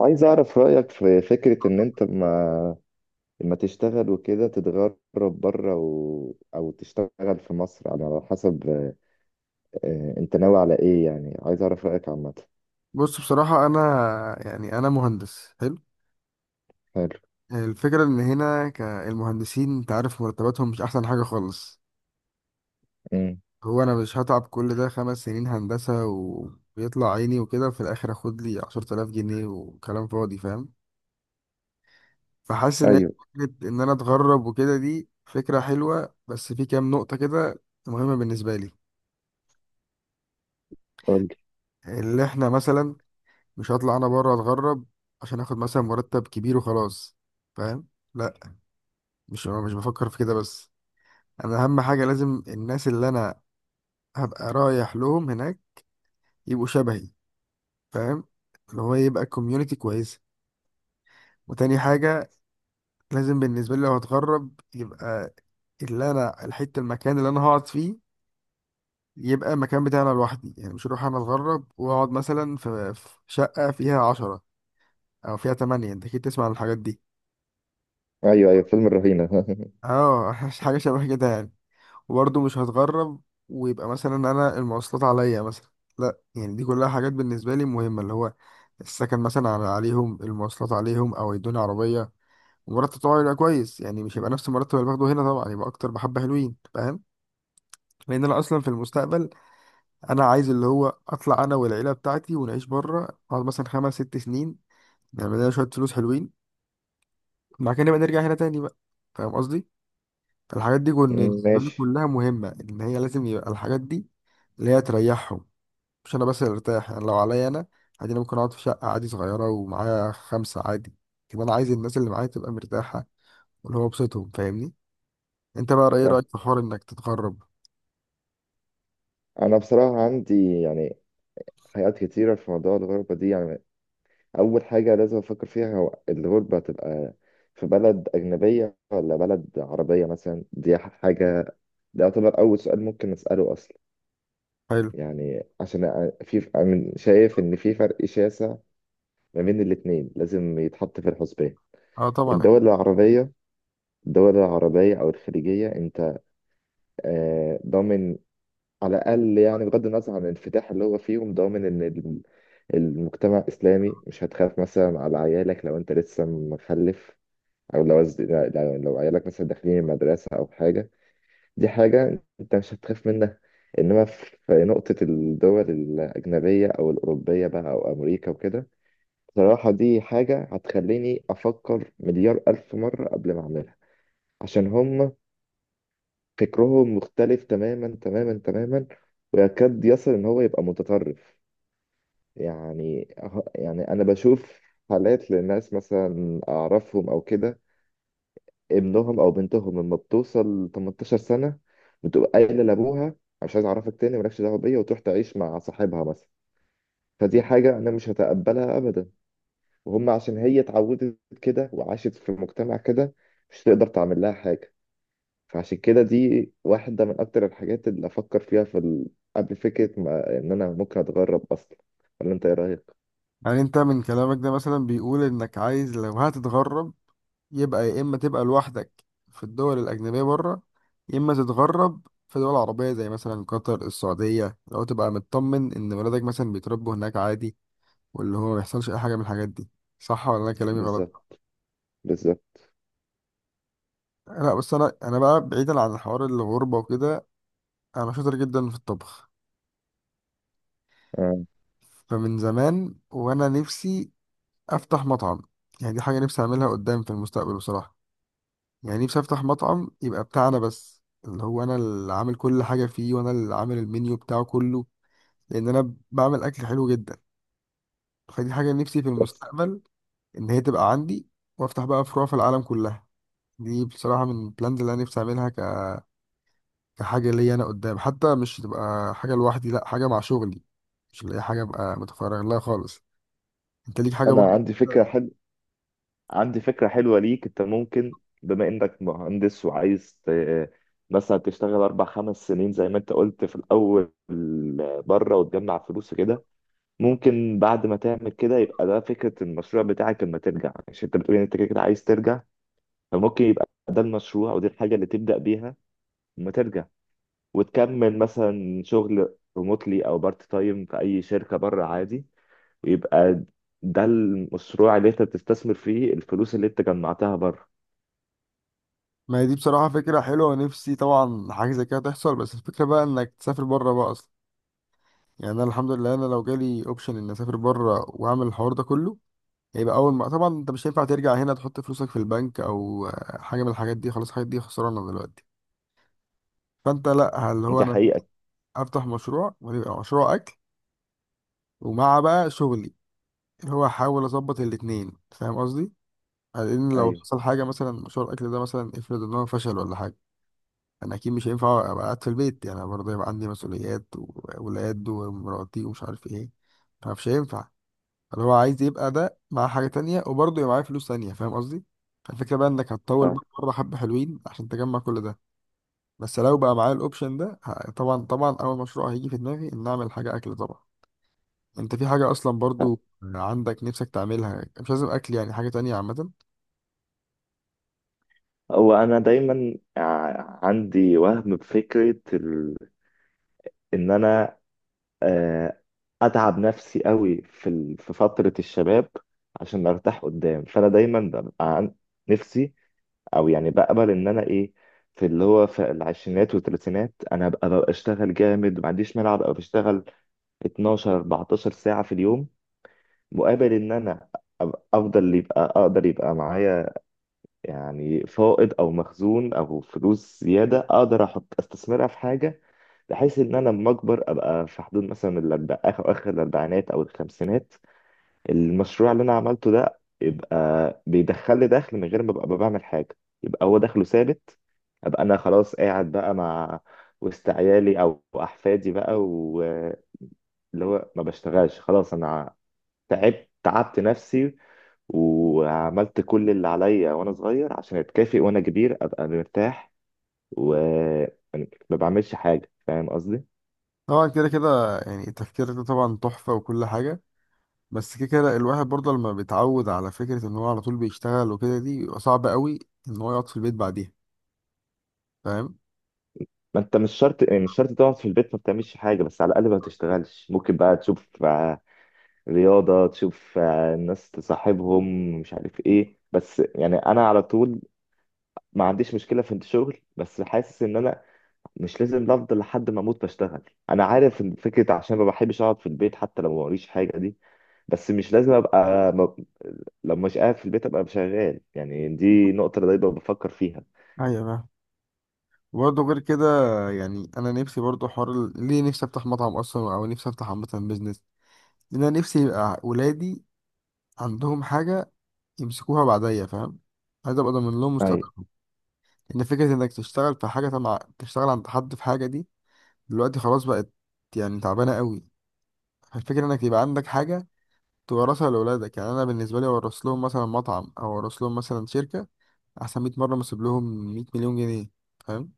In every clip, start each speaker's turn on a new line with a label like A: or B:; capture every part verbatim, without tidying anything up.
A: عايز أعرف رأيك في فكرة إن أنت ما لما تشتغل وكده تتغرب بره و... أو تشتغل في مصر على حسب. آه، أنت ناوي على إيه؟ يعني عايز أعرف رأيك عامة.
B: بص، بصراحة أنا يعني أنا مهندس حلو.
A: حلو.
B: الفكرة إن هنا كالمهندسين أنت عارف مرتباتهم مش أحسن حاجة خالص.
A: أمم.
B: هو أنا مش هتعب كل ده خمس سنين هندسة وبيطلع عيني وكده في الآخر أخد لي عشرة آلاف جنيه وكلام فاضي، فاهم؟ فحاسس إن هي
A: أيوه،
B: فكرة إن أنا أتغرب وكده دي فكرة حلوة، بس في كام نقطة كده مهمة بالنسبة لي.
A: قولي.
B: اللي إحنا مثلا مش هطلع أنا بره أتغرب عشان آخد مثلا مرتب كبير وخلاص، فاهم؟ لأ، مش مش بفكر في كده بس. انا اهم حاجه لازم الناس اللي انا هبقى رايح لهم هناك يبقوا شبهي، فاهم؟ اللي هو يبقى كوميونتي كويسه. وتاني حاجه، لازم بالنسبه لي لو هتغرب يبقى اللي انا الحته المكان اللي انا هقعد فيه يبقى المكان بتاعنا لوحدي. يعني مش هروح انا اتغرب واقعد مثلا في في شقه فيها عشرة او فيها تمانية. انت اكيد تسمع عن الحاجات دي.
A: أيوه أيوه، فيلم الرهينة.
B: اه، حاجه شبه كده يعني. وبرضه مش هتغرب ويبقى مثلا انا المواصلات عليا مثلا، لا. يعني دي كلها حاجات بالنسبه لي مهمه، اللي هو السكن مثلا على عليهم، المواصلات عليهم او يدوني عربيه، ومرتب طبعا يبقى كويس. يعني مش هيبقى نفس المرتب اللي باخده هنا طبعا، يبقى اكتر بحبه حلوين، فاهم؟ لان انا اصلا في المستقبل انا عايز اللي هو اطلع انا والعيله بتاعتي ونعيش بره، اقعد مثلا خمس ست سنين نعمل لنا شويه فلوس حلوين، بعد كده نبقى نرجع هنا تاني بقى. فاهم قصدي؟ الحاجات دي كن-
A: أمم،
B: بالنسبه لي
A: ماشي.
B: كلها مهمه، ان هي لازم يبقى الحاجات دي اللي هي تريحهم. مش انا بس اللي ارتاح. يعني لو عليا انا، عادي، انا ممكن اقعد في شقه عادي صغيره ومعايا خمسه عادي كده. انا عايز الناس اللي معايا تبقى مرتاحه واللي هو بسطهم، فاهمني؟ انت بقى ايه
A: فاهم.
B: رايك في حوار انك تتغرب؟
A: أنا بصراحة عندي يعني حاجات كتيرة في موضوع الغربة دي، يعني أول حاجة لازم أفكر فيها هو الغربة هتبقى في بلد أجنبية ولا بلد عربية مثلا. دي حاجة، ده يعتبر أول سؤال ممكن نسأله أصلا.
B: حلو.
A: يعني عشان أ- في أنا شايف إن في فرق شاسع ما بين الاتنين لازم يتحط في الحسبان.
B: اه طبعا.
A: الدول العربية، الدول العربية أو الخليجية أنت آه، ضامن على الأقل، يعني بغض النظر عن الانفتاح اللي هو فيهم، ضامن إن الم- المجتمع الإسلامي مش هتخاف مثلا على عيالك لو أنت لسه مخلف، أو لو لو لو عيالك مثلا داخلين المدرسة أو حاجة. دي حاجة أنت مش هتخاف منها. إنما في في نقطة الدول الأجنبية أو الأوروبية بقى، أو أمريكا وكده، بصراحة دي حاجة هتخليني أفكر مليار ألف مرة قبل ما أعملها. عشان هم فكرهم مختلف تماما تماما تماما، ويكاد يصل إن هو يبقى متطرف. يعني أه- يعني أنا بشوف حالات لناس مثلا أعرفهم أو كده، ابنهم او بنتهم لما بتوصل تمنتاشر سنه بتبقى قايله لابوها: مش عايز اعرفك تاني، مالكش دعوه بيا، وتروح تعيش مع صاحبها مثلا. فدي حاجه انا مش هتقبلها ابدا. وهم عشان هي اتعودت كده وعاشت في مجتمع كده، مش تقدر تعمل لها حاجه. فعشان كده دي واحده من اكتر الحاجات اللي افكر فيها في ال... قبل فكره ما... ان انا ممكن اتغرب اصلا. ولا انت ايه رايك؟
B: يعني انت من كلامك ده مثلا بيقول انك عايز لو هتتغرب يبقى يا اما تبقى لوحدك في الدول الاجنبيه بره، يا اما تتغرب في دول عربيه زي مثلا قطر السعوديه لو تبقى مطمن ان ولادك مثلا بيتربوا هناك عادي، واللي هو ما يحصلش اي حاجه من الحاجات دي. صح ولا انا كلامي غلط؟
A: بالظبط، بالظبط.
B: لا بس انا انا بقى بعيدا عن الحوار الغربه وكده، انا شاطر جدا في الطبخ.
A: آه.
B: فمن زمان وانا نفسي افتح مطعم. يعني دي حاجه نفسي اعملها قدام في المستقبل بصراحه. يعني نفسي افتح مطعم يبقى بتاعنا بس، اللي هو انا اللي عامل كل حاجه فيه وانا اللي عامل المنيو بتاعه كله، لان انا بعمل اكل حلو جدا. فدي حاجه نفسي في
A: بس
B: المستقبل ان هي تبقى عندي، وافتح بقى فروع في العالم كلها. دي بصراحه من البلانز اللي انا نفسي اعملها كحاجة ليا أنا قدام، حتى مش تبقى حاجة لوحدي، لأ، حاجة مع شغلي. مش اللي هي حاجة أبقى متفرغ لها خالص. أنت ليك حاجة
A: انا
B: برضه؟
A: عندي فكره حلوه، عندي فكرة حلوة ليك. انت ممكن، بما انك مهندس وعايز ت- مثلا تشتغل اربع خمس سنين زي ما انت قلت في الاول بره وتجمع فلوس كده، ممكن بعد ما تعمل كده يبقى ده فكرة المشروع بتاعك لما ترجع، عشان انت بتقول ان انت كده كده عايز ترجع. فممكن يبقى ده المشروع ودي الحاجة اللي تبدأ بيها لما ترجع، وتكمل مثلا شغل ريموتلي او بارت تايم في اي شركة بره عادي، ويبقى ده المشروع اللي انت بتستثمر فيه الفلوس اللي انت جمعتها بره.
B: ما هي دي بصراحة فكرة حلوة، نفسي طبعا حاجة زي كده تحصل، بس الفكرة بقى إنك تسافر بره بقى أصلا. يعني أنا الحمد لله أنا لو جالي أوبشن إني أسافر بره وأعمل الحوار ده كله، هيبقى أول ما طبعا أنت مش هينفع ترجع هنا تحط فلوسك في البنك أو آه، حاجة من الحاجات دي، خلاص الحاجات دي خسرانة دلوقتي. فأنت لأ، اللي هو
A: دي
B: أنا
A: حقيقة.
B: أفتح مشروع ويبقى مشروع أكل، ومع بقى شغلي اللي هو احاول اظبط الاتنين. فاهم قصدي؟ لان لو
A: أيوة.
B: حصل حاجه مثلا مشروع الاكل ده مثلا افرض ان هو فشل ولا حاجه، انا اكيد مش هينفع ابقى قاعد في البيت. يعني أنا برضه يبقى عندي مسؤوليات واولاد ومراتي ومش عارف ايه. فمش هينفع، اللي هو عايز يبقى ده مع حاجه تانية وبرضه يبقى معاه فلوس تانية. فاهم قصدي؟ فالفكره بقى انك هتطول
A: ف-
B: بقى مره حبه حلوين عشان تجمع كل ده. بس لو بقى معايا الاوبشن ده، ه- طبعا طبعا اول مشروع هيجي في دماغي ان اعمل حاجه اكل طبعا. انت في حاجة اصلا برضو عندك نفسك تعملها؟ مش لازم اكل، يعني حاجة تانية عامة.
A: هو أنا دايما ع- عندي وهم بفكرة ال... إن أنا، آه، أتعب نفسي قوي في ال... في فترة الشباب عشان أرتاح قدام. فأنا دايما ببقى عن... نفسي، أو يعني بقبل إن أنا إيه، في اللي هو في العشرينات والثلاثينات أنا أبقى ببقى أشتغل جامد، ما عنديش مانع أبقى بشتغل اتناشر اربعتاشر ساعة في اليوم، مقابل إن أنا أبقى- أفضل، يبقى أقدر يبقى معايا يعني فائض او مخزون او فلوس زياده، اقدر احط استثمرها في حاجه، بحيث ان انا لما اكبر ابقى في حدود مثلا الأربع... اخر اخر الاربعينات او الخمسينات، المشروع اللي انا عملته ده يبقى بيدخل لي دخل من غير ما ابقى بعمل حاجه، يبقى هو دخله ثابت. ابقى انا خلاص قاعد بقى مع وسط عيالي او احفادي بقى، واللي هو ما بشتغلش خلاص. انا تعبت تعبت نفسي وعملت كل اللي عليا وانا صغير عشان اتكافئ وانا كبير ابقى مرتاح وما بعملش حاجه. فاهم قصدي؟
B: طبعا كده كده يعني التفكير ده طبعا تحفة وكل حاجة، بس كده كده الواحد برضه لما بيتعود على فكرة ان هو على طول بيشتغل وكده دي بيبقى صعب قوي ان هو يقعد في البيت بعديها، فاهم؟
A: ما انت مش شرط، يعني مش شرط تقعد في البيت ما بتعملش حاجه، بس على الاقل ما بتشتغلش. ممكن بقى تشوف آه، رياضه، تشوف آه، الناس تصاحبهم، مش عارف ايه. بس يعني انا على طول ما عنديش مشكله في الشغل، بس حاسس ان انا مش لازم افضل لحد ما اموت بشتغل. انا عارف ان فكره عشان ما بحبش اقعد في البيت حتى لو ما وريش حاجه دي، بس مش لازم ابقى ما... لو مش قاعد في البيت ابقى شغال. يعني دي نقطه أنا دايما بفكر فيها.
B: ايوه فاهم. وبرضه غير كده، يعني انا نفسي برضه حوار ال- ليه نفسي افتح مطعم اصلا او نفسي افتح عامة بيزنس، لان انا نفسي يبقى ولادي عندهم حاجة يمسكوها بعديا. فاهم؟ عايز ابقى ضامن لهم
A: ايوه،
B: مستقبل. ان فكره انك تشتغل في حاجه، تبع تشتغل عند حد في حاجه دي، دلوقتي خلاص بقت يعني تعبانه قوي. الفكره انك يبقى عندك حاجه تورثها لاولادك. يعني انا بالنسبه لي اورث لهم مثلا مطعم او اورث لهم مثلا شركه احسن مية مره ما اسيب لهم مية مليون جنيه مليون جنيه، فاهم؟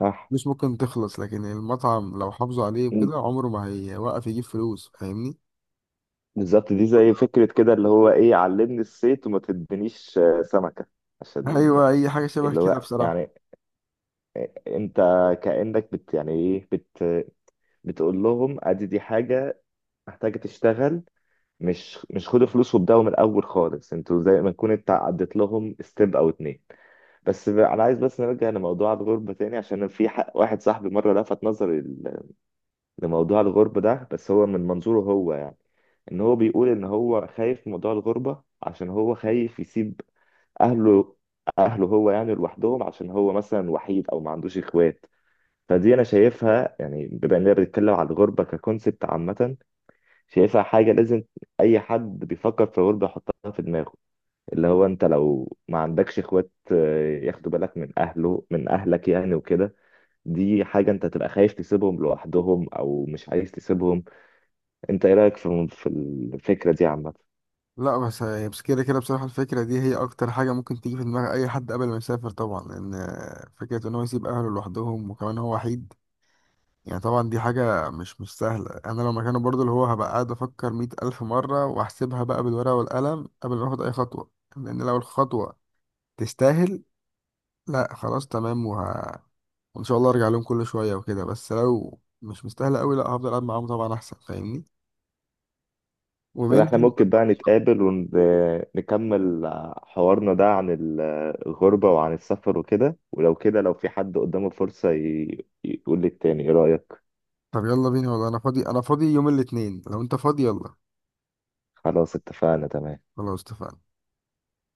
A: صح.
B: مش ممكن تخلص. لكن المطعم لو حافظوا عليه
A: م.
B: وكده عمره ما هيوقف يجيب فلوس، فاهمني؟
A: بالظبط، دي زي فكره كده اللي هو ايه، علمني الصيد وما تدينيش آه، سمكه، عشان
B: ايوه اي حاجه شبه
A: اللي
B: كده
A: هو
B: بصراحه.
A: يعني انت كانك بت يعني ايه بت بتقول لهم ادي دي حاجه محتاجه تشتغل، مش مش خدوا فلوس وابدأوا من الأول خالص. انتوا زي ما تكون انت عديت لهم ستيب أو اتنين. بس ب- أنا عايز بس نرجع لموضوع الغربة تاني. عشان في ح- واحد صاحبي مرة لفت نظري ل- لموضوع الغربة ده، بس هو من منظوره هو يعني، إن هو بيقول إن هو خايف من موضوع الغربة عشان هو خايف يسيب أهله أهله هو يعني لوحدهم، عشان هو مثلا وحيد أو ما عندوش إخوات. فدي أنا شايفها، يعني بما إننا بنتكلم على الغربة ككونسبت عامة، شايفها حاجة لازم أي حد بيفكر في غربة يحطها في دماغه، اللي هو أنت لو ما عندكش إخوات آه، ياخدوا بالك من أهله من أهلك يعني وكده. دي حاجة أنت تبقى خايف تسيبهم لوحدهم أو مش عايز تسيبهم. أنت إيه رأيك في في الفكرة دي عامة؟
B: لا بس هي- بس كده كده بصراحة الفكرة دي هي أكتر حاجة ممكن تيجي في دماغ أي حد قبل ما يسافر طبعا، لأن فكرة إن هو يسيب أهله لوحدهم وكمان هو وحيد، يعني طبعا دي حاجة مش مش سهلة. أنا لو مكانه برضه اللي هو هبقى قاعد أفكر مية ألف مرة وأحسبها بقى بالورقة والقلم قبل ما آخد أي خطوة. لأن لو الخطوة تستاهل، لا خلاص تمام، وه... وإن شاء الله أرجع لهم كل شوية وكده. بس لو مش مستاهلة أوي، لا هفضل قاعد معاهم طبعا أحسن، فاهمني؟
A: طب
B: وبين،
A: إحنا ممكن بقى نتقابل ونكمل حوارنا ده عن ال- الغربة وعن السفر وكده، ولو كده لو في حد قدامه فرصة ي- يقول للتاني إيه رأيك؟
B: طب يلا بينا، والله أنا فاضي، أنا فاضي يوم الاتنين لو أنت فاضي، يلا.
A: خلاص اتفقنا، تمام.
B: خلاص اتفقنا.